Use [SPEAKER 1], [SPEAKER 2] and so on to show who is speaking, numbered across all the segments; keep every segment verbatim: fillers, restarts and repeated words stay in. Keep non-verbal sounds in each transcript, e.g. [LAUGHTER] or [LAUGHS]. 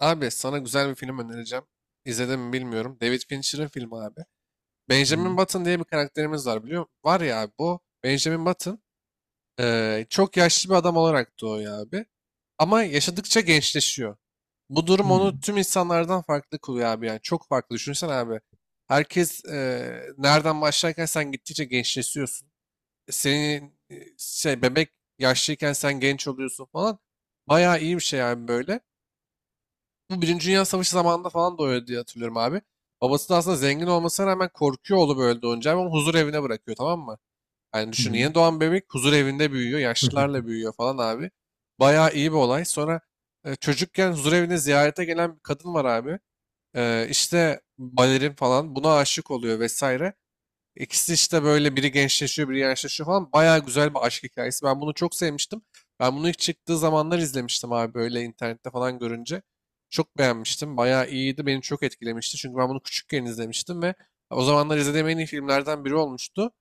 [SPEAKER 1] Abi sana güzel bir film önereceğim. İzledin mi bilmiyorum. David Fincher'ın filmi abi. Benjamin
[SPEAKER 2] Hmm.
[SPEAKER 1] Button diye bir karakterimiz var biliyor musun? Var ya abi bu Benjamin Button eee, çok yaşlı bir adam olarak doğuyor abi. Ama yaşadıkça gençleşiyor. Bu durum onu
[SPEAKER 2] Hmm.
[SPEAKER 1] tüm insanlardan farklı kılıyor abi yani. Çok farklı. Düşünsene abi. Herkes eee, nereden başlarken sen gittikçe gençleşiyorsun. Senin e, şey bebek yaşlıyken sen genç oluyorsun falan. Bayağı iyi bir şey abi böyle. Bu Birinci Dünya Savaşı zamanında falan da öyle diye hatırlıyorum abi. Babası da aslında zengin olmasına rağmen korkuyor oğlu böyle doğunca. Ama onu huzur evine bırakıyor, tamam mı? Yani
[SPEAKER 2] Hı
[SPEAKER 1] düşün,
[SPEAKER 2] hı.
[SPEAKER 1] yeni doğan bebek huzur evinde büyüyor. Yaşlılarla
[SPEAKER 2] [LAUGHS]
[SPEAKER 1] büyüyor falan abi. Bayağı iyi bir olay. Sonra e, çocukken huzur evine ziyarete gelen bir kadın var abi. E, işte balerin falan buna aşık oluyor vesaire. İkisi işte böyle, biri gençleşiyor, biri yaşlaşıyor falan. Baya güzel bir aşk hikayesi. Ben bunu çok sevmiştim. Ben bunu ilk çıktığı zamanlar izlemiştim abi, böyle internette falan görünce. Çok beğenmiştim. Baya iyiydi. Beni çok etkilemişti. Çünkü ben bunu küçükken izlemiştim ve o zamanlar izlediğim en iyi filmlerden biri olmuştu.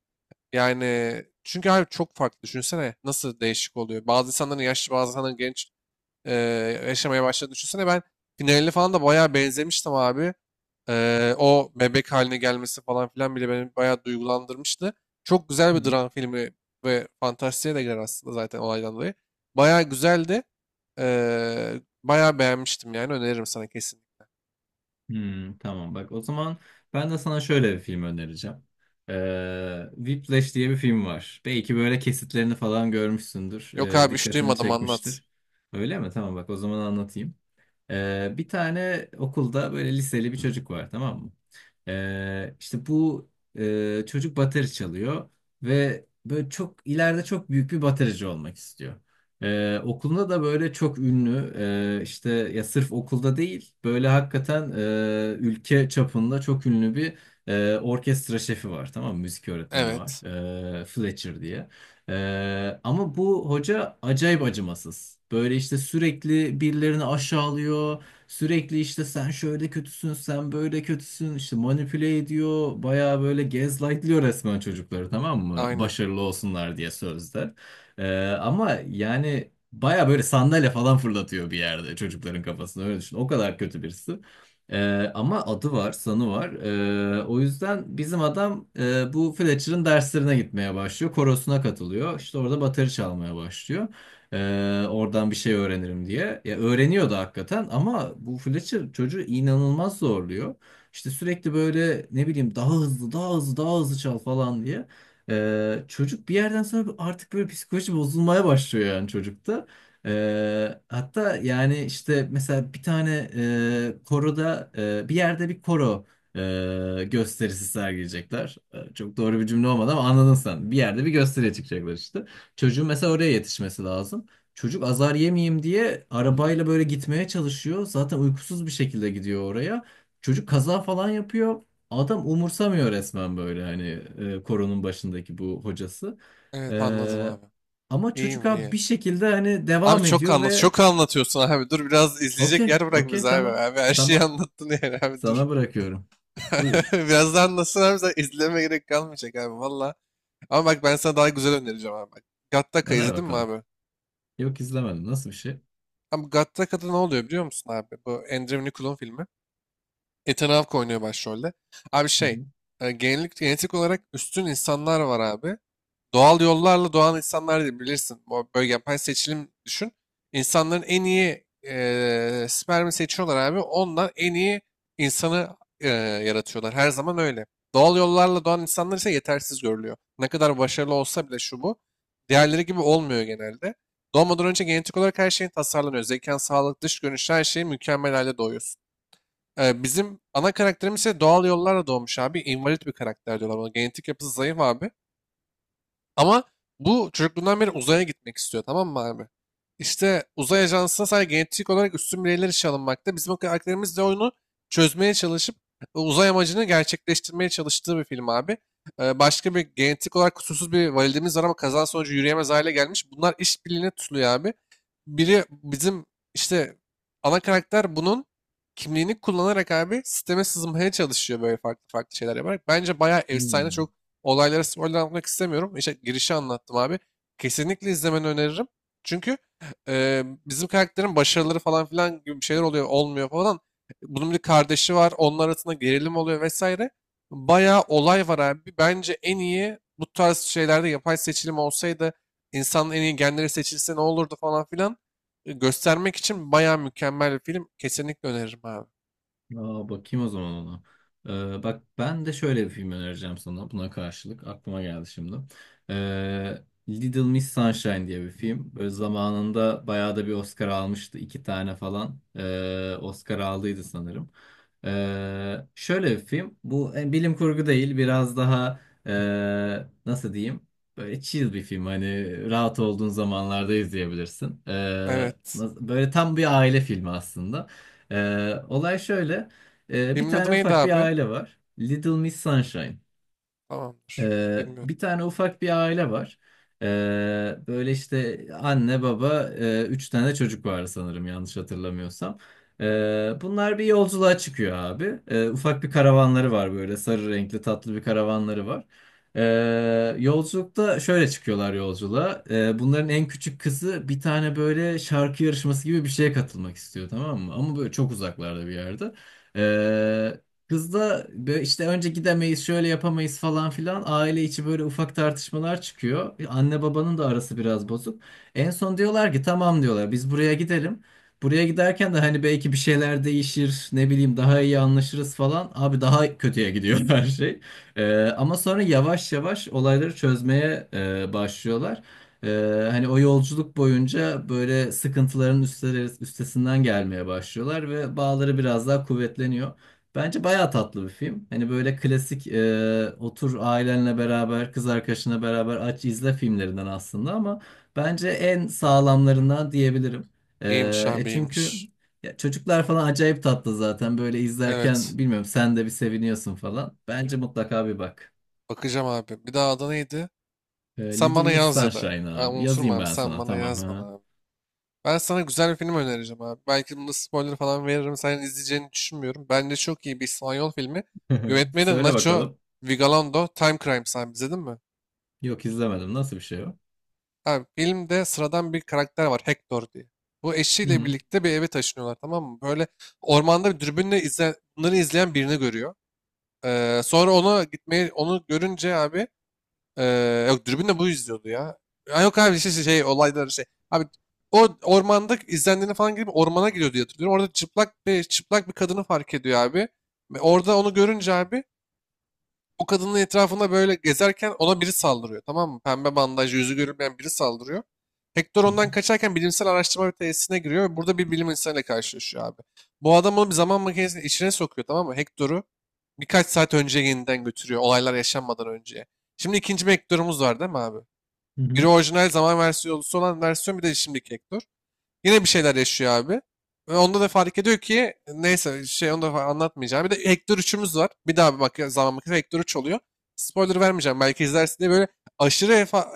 [SPEAKER 1] Yani çünkü abi çok farklı. Düşünsene nasıl değişik oluyor. Bazı insanların yaşlı, bazı insanların genç e, yaşamaya başladı. Düşünsene ben finalini falan da bayağı benzemiştim abi. Eee, o bebek haline gelmesi falan filan bile beni bayağı duygulandırmıştı. Çok güzel bir dram filmi ve fantastiğe de girer aslında, zaten olaydan dolayı. Bayağı güzeldi. Eee bayağı beğenmiştim, yani öneririm sana kesin.
[SPEAKER 2] Hmm, tamam bak o zaman ben de sana şöyle bir film önereceğim. Ee, Whiplash diye bir film var. Belki böyle kesitlerini falan görmüşsündür.
[SPEAKER 1] Yok
[SPEAKER 2] Ee,
[SPEAKER 1] abi, hiç
[SPEAKER 2] dikkatini
[SPEAKER 1] duymadım, anlat.
[SPEAKER 2] çekmiştir. Öyle mi? Tamam bak o zaman anlatayım. Ee, bir tane okulda böyle liseli bir çocuk var, tamam mı? Ee, işte bu e, Çocuk bateri çalıyor ve böyle çok ileride çok büyük bir baterici olmak istiyor. Ee, okulunda da böyle çok ünlü, e, işte ya sırf okulda değil, böyle hakikaten e, ülke çapında çok ünlü bir e, orkestra şefi var, tamam mı? Müzik öğretmeni var,
[SPEAKER 1] Evet.
[SPEAKER 2] e, Fletcher diye. Ee, ama bu hoca acayip acımasız. Böyle işte sürekli birilerini aşağılıyor. Sürekli işte sen şöyle kötüsün, sen böyle kötüsün. İşte manipüle ediyor. Bayağı böyle gaslightlıyor resmen çocukları, tamam mı?
[SPEAKER 1] Aynen.
[SPEAKER 2] Başarılı olsunlar diye sözde. Ee, ama yani bayağı böyle sandalye falan fırlatıyor bir yerde çocukların kafasına, öyle düşün. O kadar kötü birisi. Ee, ama adı var, sanı var. Ee, o yüzden bizim adam, e, bu Fletcher'ın derslerine gitmeye başlıyor. Korosuna katılıyor. İşte orada bateri çalmaya başlıyor. Ee, oradan bir şey öğrenirim diye. Ya öğreniyordu hakikaten ama bu Fletcher çocuğu inanılmaz zorluyor. İşte sürekli böyle ne bileyim daha hızlı, daha hızlı, daha hızlı çal falan diye. Ee, çocuk bir yerden sonra artık böyle psikoloji bozulmaya başlıyor yani çocukta. Ee, hatta yani işte mesela bir tane e, koroda e, bir yerde bir koro e, gösterisi sergileyecekler. E, Çok doğru bir cümle olmadı ama anladın sen. Bir yerde bir gösteriye çıkacaklar işte. Çocuğun mesela oraya yetişmesi lazım. Çocuk azar yemeyeyim diye arabayla böyle gitmeye çalışıyor. Zaten uykusuz bir şekilde gidiyor oraya. Çocuk kaza falan yapıyor. Adam umursamıyor resmen böyle hani e, koronun başındaki bu hocası.
[SPEAKER 1] Evet, anladım abi.
[SPEAKER 2] Ama çocuk
[SPEAKER 1] İyiyim
[SPEAKER 2] abi
[SPEAKER 1] iyi.
[SPEAKER 2] bir şekilde hani
[SPEAKER 1] Abi
[SPEAKER 2] devam
[SPEAKER 1] çok
[SPEAKER 2] ediyor
[SPEAKER 1] anlat.
[SPEAKER 2] ve
[SPEAKER 1] Çok anlatıyorsun abi. Dur biraz, izleyecek
[SPEAKER 2] okey,
[SPEAKER 1] yer bırak
[SPEAKER 2] okey,
[SPEAKER 1] bize abi.
[SPEAKER 2] tamam,
[SPEAKER 1] Abi her şeyi
[SPEAKER 2] tamam.
[SPEAKER 1] anlattın yani abi, dur.
[SPEAKER 2] Sana bırakıyorum.
[SPEAKER 1] [LAUGHS]
[SPEAKER 2] Buyur.
[SPEAKER 1] Birazdan nasıl abi, sen izleme, gerek kalmayacak abi valla. Ama bak, ben sana daha güzel önereceğim abi. Bak, Gattaca
[SPEAKER 2] Öner
[SPEAKER 1] izledin mi
[SPEAKER 2] bakalım.
[SPEAKER 1] abi?
[SPEAKER 2] Yok, izlemedim. Nasıl bir şey?
[SPEAKER 1] Abi Gattaca'da ne oluyor biliyor musun abi? Bu Andrew Nicholl'un filmi. Ethan Hawke oynuyor başrolde. Abi
[SPEAKER 2] Hı
[SPEAKER 1] şey,
[SPEAKER 2] hı.
[SPEAKER 1] e, genellik genetik olarak üstün insanlar var abi. Doğal yollarla doğan insanlar değil, bilirsin. Bu böyle yapay seçilim, düşün. İnsanların en iyi eee spermi seçiyorlar abi. Ondan en iyi insanı eee, yaratıyorlar. Her zaman öyle. Doğal yollarla doğan insanlar ise yetersiz görülüyor. Ne kadar başarılı olsa bile, şu bu. Diğerleri gibi olmuyor genelde. Doğmadan önce genetik olarak her şeyin tasarlanıyor. Zekan, sağlık, dış görünüş, her şeyin mükemmel halde doğuyorsun. Eee, bizim ana karakterimiz ise doğal yollarla doğmuş abi. İnvalid bir karakter diyorlar ona. Genetik yapısı zayıf abi. Ama bu çocukluğundan beri uzaya gitmek istiyor, tamam mı abi? İşte uzay ajansına sadece genetik olarak üstün bireyler işe alınmakta. Bizim karakterimiz de oyunu çözmeye çalışıp e, uzay amacını gerçekleştirmeye çalıştığı bir film abi. Ee, başka bir genetik olarak kusursuz bir validemiz var ama kaza sonucu yürüyemez hale gelmiş. Bunlar işbirliğine tutuluyor abi. Biri bizim işte ana karakter bunun kimliğini kullanarak abi sisteme sızmaya çalışıyor, böyle farklı farklı şeyler yaparak. Bence bayağı efsane,
[SPEAKER 2] Hmm.
[SPEAKER 1] çok. Olaylara spoiler anlatmak istemiyorum. İşte girişi anlattım abi. Kesinlikle izlemeni öneririm. Çünkü e, bizim karakterin başarıları falan filan gibi bir şeyler oluyor, olmuyor falan. Bunun bir kardeşi var. Onlar arasında gerilim oluyor vesaire. Bayağı olay var abi. Bence en iyi bu tarz şeylerde, yapay seçilim olsaydı insanın en iyi genleri seçilse ne olurdu falan filan e, göstermek için bayağı mükemmel bir film. Kesinlikle öneririm abi.
[SPEAKER 2] Aa, bakayım o zaman ona. Ee, bak, ben de şöyle bir film önereceğim sana buna karşılık. Aklıma geldi şimdi. Ee, Little Miss Sunshine diye bir film. Böyle zamanında bayağı da bir Oscar almıştı. İki tane falan ee, Oscar aldıydı sanırım. Ee, şöyle bir film. Bu e, bilim kurgu değil. Biraz daha ee, nasıl diyeyim? Böyle chill bir film. Hani rahat olduğun zamanlarda izleyebilirsin. Ee,
[SPEAKER 1] Evet.
[SPEAKER 2] nasıl- böyle tam bir aile filmi aslında. Ee, olay şöyle. Ee, bir
[SPEAKER 1] Filmin adı
[SPEAKER 2] tane
[SPEAKER 1] neydi
[SPEAKER 2] ufak bir
[SPEAKER 1] abi?
[SPEAKER 2] aile var. Little Miss Sunshine.
[SPEAKER 1] Tamamdır.
[SPEAKER 2] Ee,
[SPEAKER 1] Bilmiyorum.
[SPEAKER 2] bir tane ufak bir aile var. Ee, böyle işte anne baba, e, üç tane çocuk var sanırım yanlış hatırlamıyorsam. Ee, bunlar bir yolculuğa çıkıyor abi. Ee, ufak bir karavanları var, böyle sarı renkli tatlı bir karavanları var. Ee, yolculukta şöyle çıkıyorlar yolculuğa. Ee, bunların en küçük kızı bir tane böyle şarkı yarışması gibi bir şeye katılmak istiyor, tamam mı? Ama böyle çok uzaklarda bir yerde. Kız da böyle işte önce gidemeyiz, şöyle yapamayız falan filan, aile içi böyle ufak tartışmalar çıkıyor. Anne babanın da arası biraz bozuk. En son diyorlar ki tamam, diyorlar biz buraya gidelim. Buraya giderken de hani belki bir şeyler değişir, ne bileyim, daha iyi anlaşırız falan. Abi daha kötüye gidiyor [LAUGHS] her şey. Ee, ama sonra yavaş yavaş olayları çözmeye e, başlıyorlar. Ee, hani o yolculuk boyunca böyle sıkıntıların üstleri- üstesinden gelmeye başlıyorlar ve bağları biraz daha kuvvetleniyor. Bence bayağı tatlı bir film. Hani böyle klasik, e, otur ailenle beraber, kız arkadaşına beraber aç izle filmlerinden aslında, ama bence en sağlamlarından diyebilirim.
[SPEAKER 1] İyiymiş
[SPEAKER 2] E, e
[SPEAKER 1] abi,
[SPEAKER 2] çünkü
[SPEAKER 1] iyiymiş.
[SPEAKER 2] ya çocuklar falan acayip tatlı zaten. Böyle
[SPEAKER 1] Evet.
[SPEAKER 2] izlerken bilmiyorum sen de bir seviniyorsun falan. Bence mutlaka bir bak.
[SPEAKER 1] Bakacağım abi. Bir daha adı neydi?
[SPEAKER 2] E,
[SPEAKER 1] Sen
[SPEAKER 2] Little
[SPEAKER 1] bana
[SPEAKER 2] Miss
[SPEAKER 1] yaz ya da.
[SPEAKER 2] Sunshine
[SPEAKER 1] Aa,
[SPEAKER 2] abi.
[SPEAKER 1] unuturum
[SPEAKER 2] Yazayım
[SPEAKER 1] abi.
[SPEAKER 2] ben
[SPEAKER 1] Sen
[SPEAKER 2] sana,
[SPEAKER 1] bana
[SPEAKER 2] tamam
[SPEAKER 1] yaz,
[SPEAKER 2] ha.
[SPEAKER 1] bana abi. Ben sana güzel bir film önereceğim abi. Belki bunda spoiler falan veririm. Sen izleyeceğini düşünmüyorum. Bence çok iyi bir İspanyol filmi.
[SPEAKER 2] [LAUGHS]
[SPEAKER 1] Yönetmeni de
[SPEAKER 2] Söyle
[SPEAKER 1] Nacho
[SPEAKER 2] bakalım.
[SPEAKER 1] Vigalondo. Time Crimes abi, izledin mi?
[SPEAKER 2] Yok, izlemedim. Nasıl bir şey o?
[SPEAKER 1] Abi filmde sıradan bir karakter var. Hector diye. Bu
[SPEAKER 2] Hı
[SPEAKER 1] eşiyle
[SPEAKER 2] hı.
[SPEAKER 1] birlikte bir eve taşınıyorlar, tamam mı? Böyle ormanda bir dürbünle izle, bunları izleyen birini görüyor. Ee, sonra ona gitmeyi, onu görünce abi Eee, yok, dürbünle bu izliyordu ya. Ha, yok abi şey, şey, şey olayları şey. Abi o ormanda izlendiğini falan gibi ormana gidiyor diye hatırlıyorum. Orada çıplak bir çıplak bir kadını fark ediyor abi. Ve orada onu görünce abi o kadının etrafında böyle gezerken ona biri saldırıyor, tamam mı? Pembe bandaj, yüzü görünmeyen biri saldırıyor. Hector
[SPEAKER 2] Hı hı.
[SPEAKER 1] ondan kaçarken bilimsel araştırma tesisine giriyor ve burada bir bilim insanıyla karşılaşıyor abi. Bu adam onu bir zaman makinesinin içine sokuyor, tamam mı? Hector'u birkaç saat önce yeniden götürüyor, olaylar yaşanmadan önce. Şimdi ikinci bir Hector'umuz var, değil mi abi?
[SPEAKER 2] Hı
[SPEAKER 1] Biri
[SPEAKER 2] hı.
[SPEAKER 1] orijinal zaman versiyonu olan versiyon, bir de şimdiki Hector. Yine bir şeyler yaşıyor abi. Ve onda da fark ediyor ki neyse, şey, onu da fa- anlatmayacağım. Bir de Hector üçümüz var. Bir daha bir bak, zaman bakıyor, Hector üç oluyor. Spoiler vermeyeceğim belki izlersin diye, böyle aşırı efa-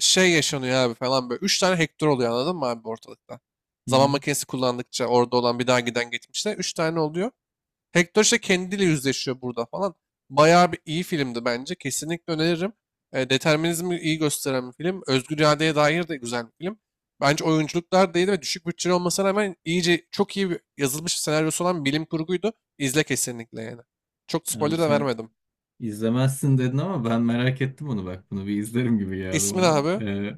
[SPEAKER 1] şey yaşanıyor abi falan böyle. Üç tane Hector oluyor, anladın mı abi, ortalıkta?
[SPEAKER 2] Hı
[SPEAKER 1] Zaman
[SPEAKER 2] hı.
[SPEAKER 1] makinesi kullandıkça orada olan bir daha giden geçmişte üç tane oluyor. Hector işte kendiyle yüzleşiyor burada falan. Bayağı bir iyi filmdi bence. Kesinlikle öneririm. E, determinizmi iyi gösteren bir film. Özgür iradeye dair de güzel bir film. Bence oyunculuklar da iyiydi ve düşük bütçeli olmasına rağmen iyice çok iyi bir- yazılmış bir senaryosu olan bilim kurguydu. İzle kesinlikle yani. Çok
[SPEAKER 2] Abi
[SPEAKER 1] spoiler da
[SPEAKER 2] sen
[SPEAKER 1] vermedim.
[SPEAKER 2] İzlemezsin dedin ama ben merak ettim onu, bak. Bunu bir izlerim gibi geldi
[SPEAKER 1] İsmi ne
[SPEAKER 2] bana.
[SPEAKER 1] abi?
[SPEAKER 2] Ee,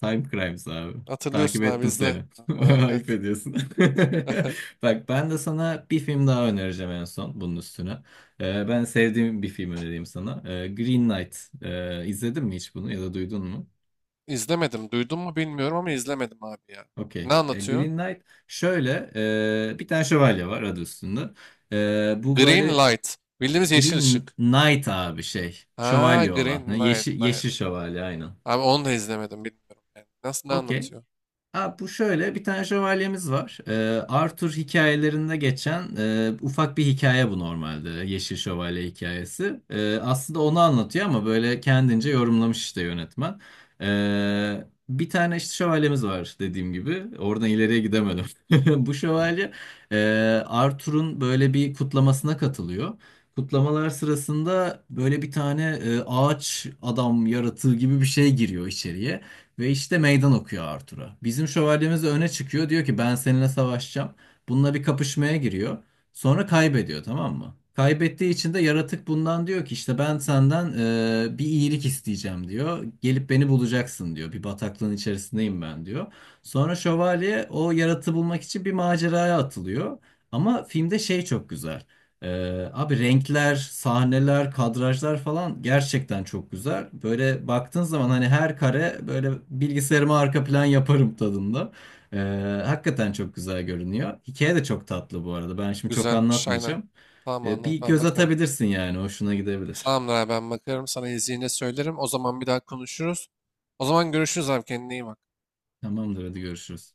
[SPEAKER 2] Time Crimes abi. Takip
[SPEAKER 1] Hatırlıyorsun abi,
[SPEAKER 2] ettim
[SPEAKER 1] izle.
[SPEAKER 2] seni. [LAUGHS]
[SPEAKER 1] [LAUGHS]
[SPEAKER 2] Ayıp
[SPEAKER 1] Evet.
[SPEAKER 2] ediyorsun. [LAUGHS] Bak, ben de sana bir film daha önereceğim en son bunun üstüne. Ee, ben sevdiğim bir film önereyim sana. Ee, Green Knight. Ee, izledin mi hiç bunu ya da duydun mu?
[SPEAKER 1] İzlemedim. Duydun mu bilmiyorum ama izlemedim abi ya. Ne
[SPEAKER 2] Okey. Ya
[SPEAKER 1] anlatıyor?
[SPEAKER 2] Green Knight şöyle, e, bir tane şövalye var, adı üstünde. Ee, bu
[SPEAKER 1] Green
[SPEAKER 2] böyle
[SPEAKER 1] light. Bildiğimiz yeşil
[SPEAKER 2] Green
[SPEAKER 1] ışık.
[SPEAKER 2] Knight abi şey.
[SPEAKER 1] Ha,
[SPEAKER 2] Şövalye olan. Ha,
[SPEAKER 1] green light.
[SPEAKER 2] yeşil,
[SPEAKER 1] Light.
[SPEAKER 2] yeşil şövalye, aynen.
[SPEAKER 1] Abi onu da izlemedim, bilmiyorum yani. Nasıl, ne
[SPEAKER 2] Okey.
[SPEAKER 1] anlatıyor?
[SPEAKER 2] Abi bu şöyle, bir tane şövalyemiz var. Ee, Arthur hikayelerinde geçen e, ufak bir hikaye bu normalde. Yeşil Şövalye hikayesi. Ee, aslında onu anlatıyor ama böyle kendince yorumlamış işte yönetmen. Ee, bir tane işte şövalyemiz var dediğim gibi. Oradan ileriye gidemedim. [LAUGHS] Bu şövalye e, Arthur'un böyle bir kutlamasına katılıyor. Kutlamalar sırasında böyle bir tane e, ağaç adam yaratığı gibi bir şey giriyor içeriye. Ve işte meydan okuyor Arthur'a. Bizim şövalyemiz de öne çıkıyor. Diyor ki ben seninle savaşacağım. Bununla bir kapışmaya giriyor. Sonra kaybediyor, tamam mı? Kaybettiği için de yaratık bundan diyor ki işte ben senden e, bir iyilik isteyeceğim diyor. Gelip beni bulacaksın diyor. Bir bataklığın içerisindeyim ben diyor. Sonra şövalye o yaratığı bulmak için bir maceraya atılıyor. Ama filmde şey çok güzel. Ee, abi renkler, sahneler, kadrajlar falan gerçekten çok güzel. Böyle baktığın zaman hani her kare böyle bilgisayarıma arka plan yaparım tadında. Ee, Hakikaten çok güzel görünüyor. Hikaye de çok tatlı bu arada. Ben şimdi çok
[SPEAKER 1] Güzelmiş, aynen.
[SPEAKER 2] anlatmayacağım.
[SPEAKER 1] Tamam,
[SPEAKER 2] Ee,
[SPEAKER 1] anlat,
[SPEAKER 2] bir
[SPEAKER 1] ben
[SPEAKER 2] göz
[SPEAKER 1] bakarım.
[SPEAKER 2] atabilirsin yani. Hoşuna gidebilir.
[SPEAKER 1] Tamamdır abi, ben bakarım, sana izleyince söylerim. O zaman bir daha konuşuruz. O zaman görüşürüz abi, kendine iyi bak.
[SPEAKER 2] Tamamdır hadi görüşürüz.